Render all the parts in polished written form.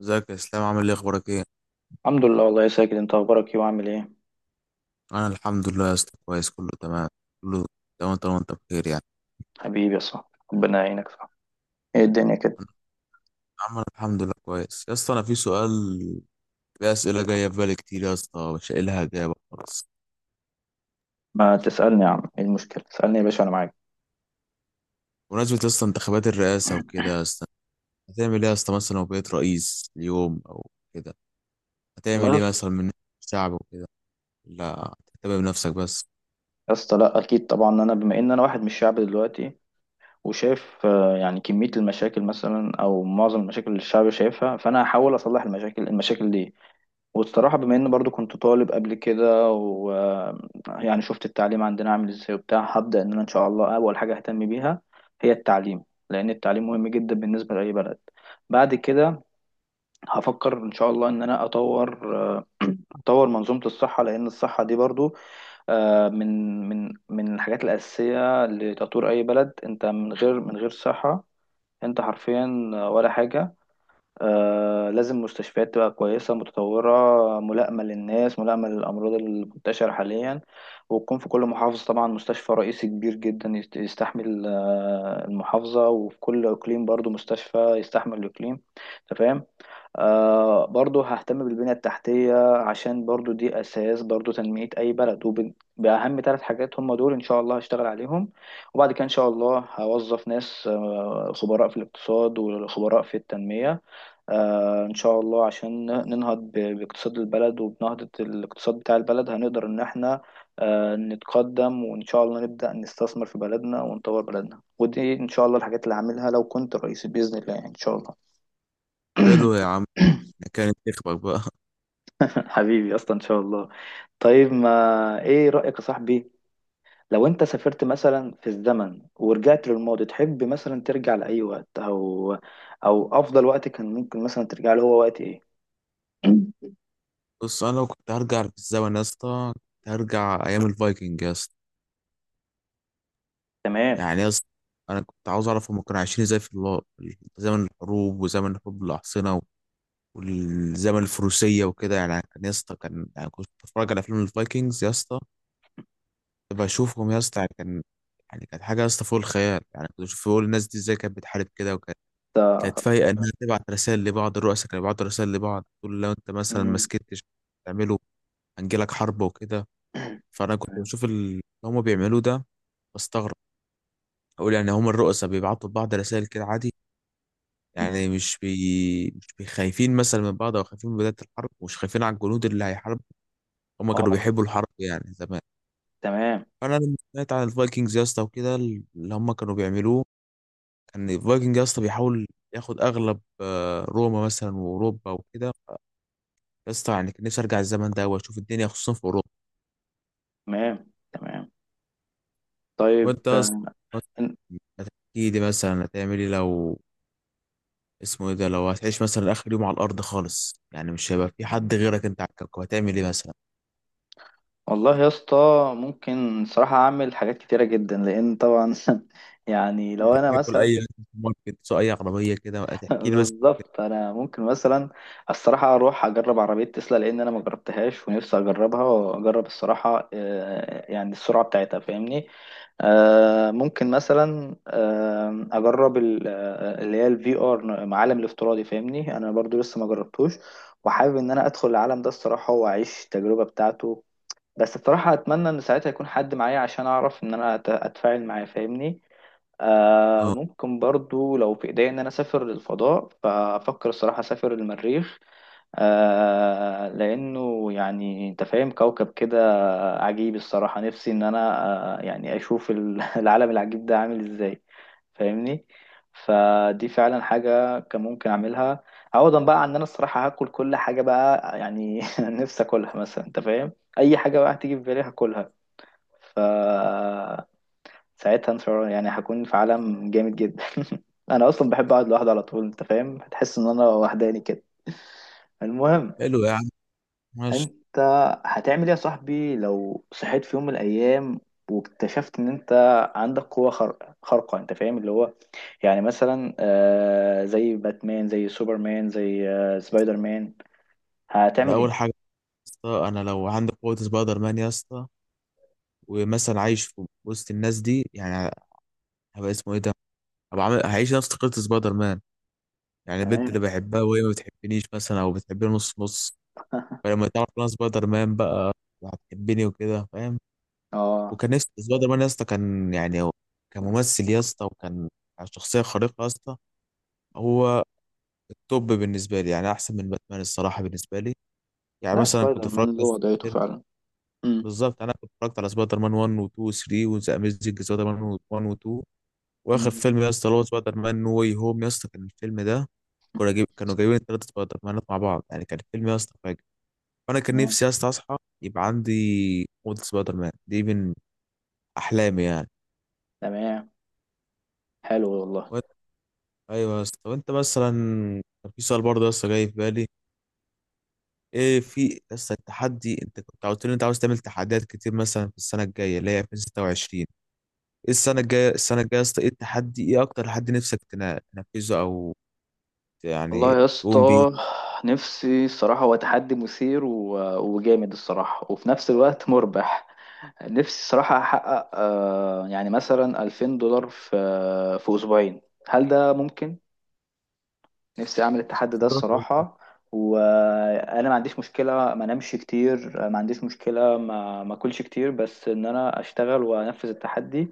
ازيك يا اسلام؟ عامل ايه؟ اخبارك ايه؟ الحمد لله، والله يا ساجد. انت اخبارك ايه وعامل ايه؟ انا الحمد لله يا اسطى، كويس، كله تمام كله تمام طالما انت بخير يعني. حبيبي يا صاحبي. ربنا يعينك، صح؟ ايه الدنيا كده؟ عمل الحمد لله كويس يا اسطى. انا في سؤال، في اسئله جايه في بالي كتير يا اسطى مش قايل لها اجابه خالص. ما تسالني يا عم، ايه المشكله؟ اسالني يا باشا، انا معاك. بمناسبه يا اسطى انتخابات الرئاسه وكده، يا اسطى هتعمل ايه يا اسطى؟ مثلا لو بقيت رئيس اليوم او كده، والله هتعمل يا ايه اسطى. مثلا من الشعب وكده؟ لا هتهتم بنفسك بس؟ يا اسطى، لا اكيد طبعا. انا بما ان انا واحد من الشعب دلوقتي وشايف، يعني كميه المشاكل مثلا او معظم المشاكل اللي الشعب شايفها، فانا هحاول اصلح المشاكل دي. والصراحة بما إن برضو كنت طالب قبل كده ويعني شفت التعليم عندنا عامل إزاي وبتاع، هبدأ إن أنا إن شاء الله أول حاجة أهتم بيها هي التعليم. لأن التعليم مهم جدا بالنسبة لأي بلد. بعد كده هفكر إن شاء الله إن أنا أطور منظومة الصحة. لأن الصحة دي برضو، من الحاجات الأساسية لتطوير أي بلد. أنت من غير صحة، أنت حرفيا ولا حاجة. لازم مستشفيات تبقى كويسة متطورة، ملائمة للناس، ملائمة للأمراض المنتشرة حاليا. وتكون في كل محافظة طبعا مستشفى رئيسي كبير جدا يستحمل المحافظة، وفي كل إقليم برضو مستشفى يستحمل الإقليم. أنت فاهم؟ برضو ههتم بالبنية التحتية، عشان برضو دي أساس برضو تنمية أي بلد. وبأهم ثلاث حاجات هم دول إن شاء الله هشتغل عليهم. وبعد كده إن شاء الله هوظف ناس، خبراء في الاقتصاد وخبراء في التنمية، إن شاء الله، عشان ننهض باقتصاد البلد. وبنهضة الاقتصاد بتاع البلد هنقدر إن إحنا نتقدم. وإن شاء الله نبدأ نستثمر في بلدنا ونطور بلدنا. ودي إن شاء الله الحاجات اللي هعملها لو كنت رئيس بإذن الله، يعني إن شاء الله. حلو يا عم، كانت تخبك بقى حبيبي أصلا إن شاء الله. طيب، ما إيه رأيك يا صاحبي؟ لو أنت سافرت مثلا في الزمن ورجعت للماضي، تحب مثلا ترجع لأي وقت؟ أو أفضل وقت كان ممكن مثلا ترجع له، هو وقت إيه؟ بص، انا لو كنت هرجع في الزمن يا اسطى، كنت هرجع ايام الفايكنج يا اسطى. تمام. يعني يا اسطى انا كنت عاوز اعرف هم كانوا عايشين ازاي في الله، زمن الحروب وزمن حروب الاحصنه والزمن الفروسيه وكده. يعني كان يا اسطى، كان يعني كنت بتفرج على فيلم الفايكنجز يا اسطى، كنت بشوفهم يا اسطى، يعني كان، يعني كانت حاجه يا اسطى فوق الخيال. يعني كنت بشوف بقول الناس دي ازاي كانت بتحارب كده، وكانت فايقه انها تبعت رسائل لبعض. الرؤساء كانوا بيبعتوا رسائل لبعض، تقول لو انت مثلا ما مم. سكتش تعمله هنجيلك حرب وكده. فانا كنت تمام. بشوف اللي هم بيعملوه ده، بستغرب اقول يعني هم الرؤساء بيبعتوا لبعض رسائل كده عادي؟ يعني مش خايفين مثلا من بعض، او خايفين من بداية الحرب، ومش خايفين على الجنود اللي هيحاربوا. هم كانوا اه. بيحبوا الحرب يعني زمان. تمام فانا لما سمعت عن الفايكنجز يا اسطى وكده اللي هم كانوا بيعملوه، كان الفايكنج يا اسطى بيحاول ياخد اغلب روما مثلا واوروبا وكده يا اسطى. يعني كان نفسي ارجع الزمن ده واشوف الدنيا، خصوصا في اوروبا. تمام تمام. طيب وانت يا اسطى إن- احكي لي، مثلا هتعمل ايه لو اسمه ايه ده، لو هتعيش مثلا اخر يوم على الارض خالص، يعني مش هيبقى في حد غيرك انت على الكوكب، هتعمل ايه مثلا؟ والله يا اسطى. ممكن صراحة أعمل حاجات كتيرة جدا، لأن طبعا يعني لو أنا اكل مثلا اي أكل في الماركت، سواء اي عربيه كده بقى، تحكي لي مثلا. بالظبط. انا ممكن مثلا الصراحه اروح اجرب عربيه تسلا، لان انا ما جربتهاش ونفسي اجربها، واجرب الصراحه يعني السرعه بتاعتها. فاهمني؟ ممكن مثلا اجرب اللي هي الفي ار، العالم الافتراضي. فاهمني؟ انا برضو لسه ما جربتوش، وحابب ان انا ادخل العالم ده الصراحه واعيش التجربه بتاعته. بس الصراحه اتمنى ان ساعتها يكون حد معايا، عشان اعرف ان انا اتفاعل معاه. فاهمني؟ اه، ممكن برضو لو في إيديا إن أنا أسافر للفضاء، فأفكر الصراحة أسافر المريخ. لأنه يعني أنت فاهم كوكب كده عجيب الصراحة. نفسي إن أنا يعني أشوف العالم العجيب ده عامل إزاي. فاهمني؟ فدي فعلا حاجة كان ممكن أعملها، عوضا بقى عن إن أنا الصراحة هاكل كل حاجة بقى، يعني نفسي أكلها مثلا. أنت فاهم؟ أي حاجة بقى هتيجي في بالي هاكلها. ف ساعتها ان شاء الله، يعني هكون في عالم جامد جدا. انا اصلا بحب اقعد لوحدي على طول. انت فاهم؟ هتحس ان انا وحداني كده. المهم، حلو يا عم، ماشي. انت هتعمل ايه يا صاحبي لو صحيت في يوم من الايام واكتشفت ان انت عندك قوة خارقة؟ انت فاهم اللي هو؟ يعني مثلا زي باتمان، زي سوبرمان، زي سبايدر مان. انا هتعمل اول حاجه ايه؟ يا اسطى، انا لو عندي قوه سبايدر مان يا اسطى، ومثلا عايش في وسط الناس دي يعني، هبقى اسمه ايه ده، هبقى عامل هعيش نفس قصه سبايدر مان. يعني البنت تمام. اللي بحبها وهي ما بتحبنيش مثلا، او بتحبني نص نص، فلما تعرف ان انا سبايدر مان بقى، هتحبني وكده، فاهم. اه. وكان نفسي سبايدر مان يا اسطى، كان يعني هو كممثل يا اسطى، وكان شخصيه خارقه يا اسطى، هو التوب بالنسبه لي يعني، احسن من باتمان الصراحه بالنسبه لي. يعني لا، مثلا سبايدر مان له وضعيته فعلا. امم. بالظبط انا كنت اتفرجت على سبايدر مان 1 و 2 و 3 وذا اميزنج سبايدر مان 1 و 2. واخر فيلم يا اسطى اللي هو سبايدر مان نو واي هوم يا اسطى، كان الفيلم ده كانوا جايبين ثلاث سبايدر مانات مع بعض، يعني كان الفيلم يا اسطى فاجر. فانا كان تمام نفسي يا اسطى اصحى يبقى عندي قوه سبايدر مان، دي من احلامي يعني. تمام. حلو والله. وأنت- ايوه يا اسطى. طب انت مثلا، كان في سؤال برضه يا اسطى جاي في بالي، ايه في لسه التحدي؟ انت كنت قلت لي انت عاوز تعمل تحديات كتير مثلا في السنه الجايه اللي هي 2026. ايه السنه الجايه يا اسطى ايه التحدي؟ ايه اكتر تحدي نفسك تنفذه، او يعني والله يا تقوم بيه؟ اسطى، نفسي الصراحة هو تحدي مثير وجامد الصراحة، وفي نفس الوقت مربح. نفسي الصراحة أحقق يعني مثلا $2000 في أسبوعين. هل ده ممكن؟ نفسي اعمل التحدي ده تضرب فوق. الصراحه. وانا ما عنديش مشكله ما انامش كتير، ما عنديش مشكله ما اكلش كتير، بس ان انا اشتغل وانفذ التحدي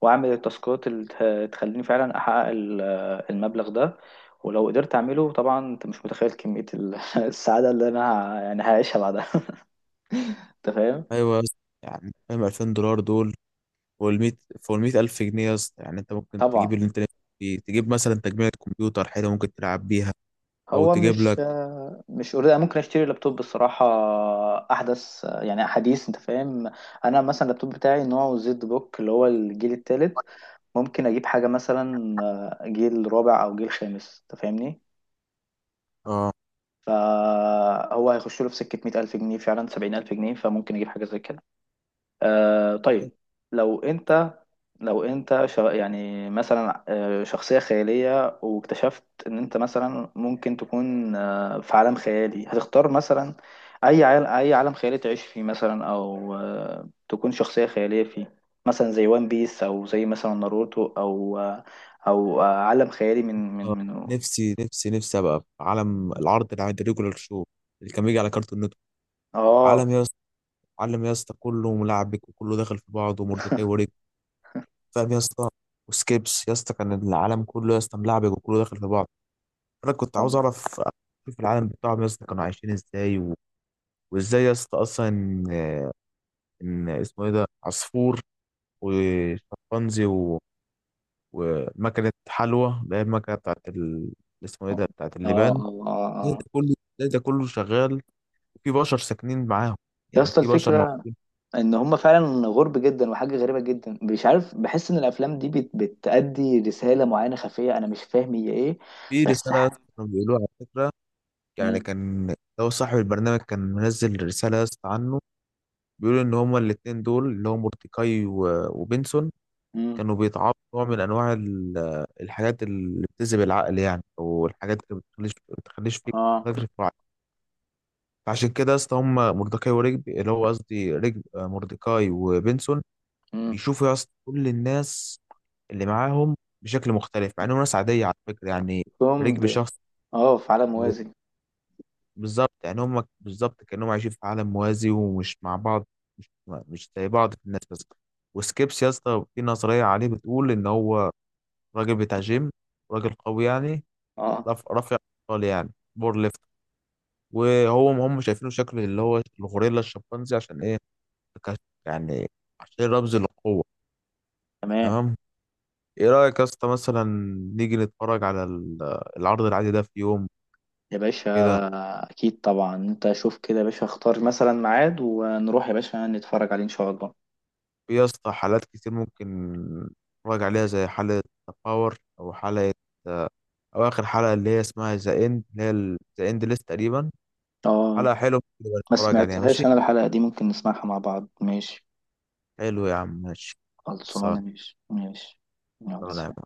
واعمل التاسكات اللي تخليني فعلا احقق المبلغ ده. ولو قدرت اعمله طبعا، انت مش متخيل كميه السعاده اللي انا يعني هعيشها بعدها. انت فاهم؟ ايوه يا اسطى. يعني فاهم $2000 دول فوق ال 100، فوق ال 100000 جنيه يا اسطى. يعني انت ممكن تجيب طبعا. اللي انت نفسك فيه، تجيب مثلا تجميع كمبيوتر حلو ممكن تلعب بيها، او هو تجيب مش لك. مش أريد. أنا ممكن اشتري لابتوب الصراحه احدث، يعني حديث. انت فاهم؟ انا مثلا اللابتوب بتاعي نوعه زد بوك اللي هو الجيل الثالث. ممكن اجيب حاجه مثلا جيل رابع او جيل خامس. انت فاهمني؟ اه. فهو هيخش له في سكه 100,000 جنيه فعلا، 70,000 جنيه. فممكن اجيب حاجه زي كده. طيب، لو انت لو انت يعني مثلا شخصية خيالية، واكتشفت ان انت مثلا ممكن تكون في عالم خيالي. هتختار مثلا اي عالم خيالي تعيش فيه مثلا؟ او تكون شخصية خيالية فيه. مثلا زي وان بيس، او زي مثلا ناروتو، او آه، او آه، عالم خيالي. من من آه، من نفسي ابقى في عالم العرض اللي عند ريجولار شو، اللي كان بيجي على كارتون نتورك. اه، عالم يا علم يا اسطى كله ملعبك وكله داخل في بعض، ومردكاي وريك، فاهم يا اسطى؟ وسكيبس يا اسطى، كان العالم كله يا اسطى ملعبك وكله داخل في بعض. انا كنت عاوز اه، اعرف اشوف العالم بتاعهم يا اسطى، كانوا عايشين ازاي وازاي يا اسطى اصلا إن اسمه ايه ده عصفور وشمبانزي ومكنه حلوى، اللي هي المكنه بتاعت اللي اسمه ايه اه، ده بتاعت اه. اللبان. آه. إزاي آه. ده كله إزاي ده كله شغال وفي بشر ساكنين معاهم؟ يا يعني اسطى، في بشر الفكرة موجودين. ان هم فعلا غرب جدا، وحاجه غريبه جدا. مش عارف، بحس ان الافلام دي بتأدي رساله معينه خفيه، انا مش فاهم هي ايه. في بس رساله يا ح... اسطى كانوا بيقولوها على فكره، يعني مم. كان لو صاحب البرنامج كان منزل رسالة يا اسطى عنه، بيقول إن هما الاتنين دول اللي هو مورتيكاي وبنسون مم. كانوا بيتعاطوا نوع من أنواع الحاجات اللي بتذهب العقل يعني، أو الحاجات اللي بتخليش فيك اه. فاكر في الوعي. فعشان كده يا اسطى هما مورتيكاي ورجب اللي هو قصدي رجب مورتيكاي وبنسون مم. بيشوفوا يا اسطى كل الناس اللي معاهم بشكل مختلف، مع إنهم ناس عادية على فكرة يعني. كوم رجب ب... شخص، اه، في عالم موازي. بالظبط يعني، هم بالظبط كأنهم عايشين في عالم موازي ومش مع بعض، مش زي بعض في الناس بس. وسكيبس يا اسطى في نظرية عليه بتقول إن هو راجل بتاع جيم، راجل قوي يعني، اه، رافع أثقال يعني، بور ليفت، وهو هم شايفينه شكل اللي هو الغوريلا الشمبانزي عشان إيه؟ كش- يعني عشان رمز للقوة. تمام. تمام. إيه رأيك يا اسطى مثلا نيجي نتفرج على العرض العادي ده في يوم يا باشا، كده؟ اكيد طبعا. انت شوف كده يا باشا، اختار مثلا ميعاد ونروح يا باشا نتفرج عليه ان شاء الله. في يا اسطى حالات كتير ممكن نراجع عليها، زي حالة باور، أو حالة آه، أو آخر حلقة اللي هي اسمها ذا إند، اللي هي ذا إند ليست تقريبا حلقة اه، حلوة، ممكن نبقى ما نتفرج عليها، ماشي. سمعتهاش انا الحلقه دي. ممكن نسمعها مع بعض. ماشي. حلو يا عم، ماشي. خلصانه، خلصان. ماشي ماشي. يلا خلصان يا سلام. عم.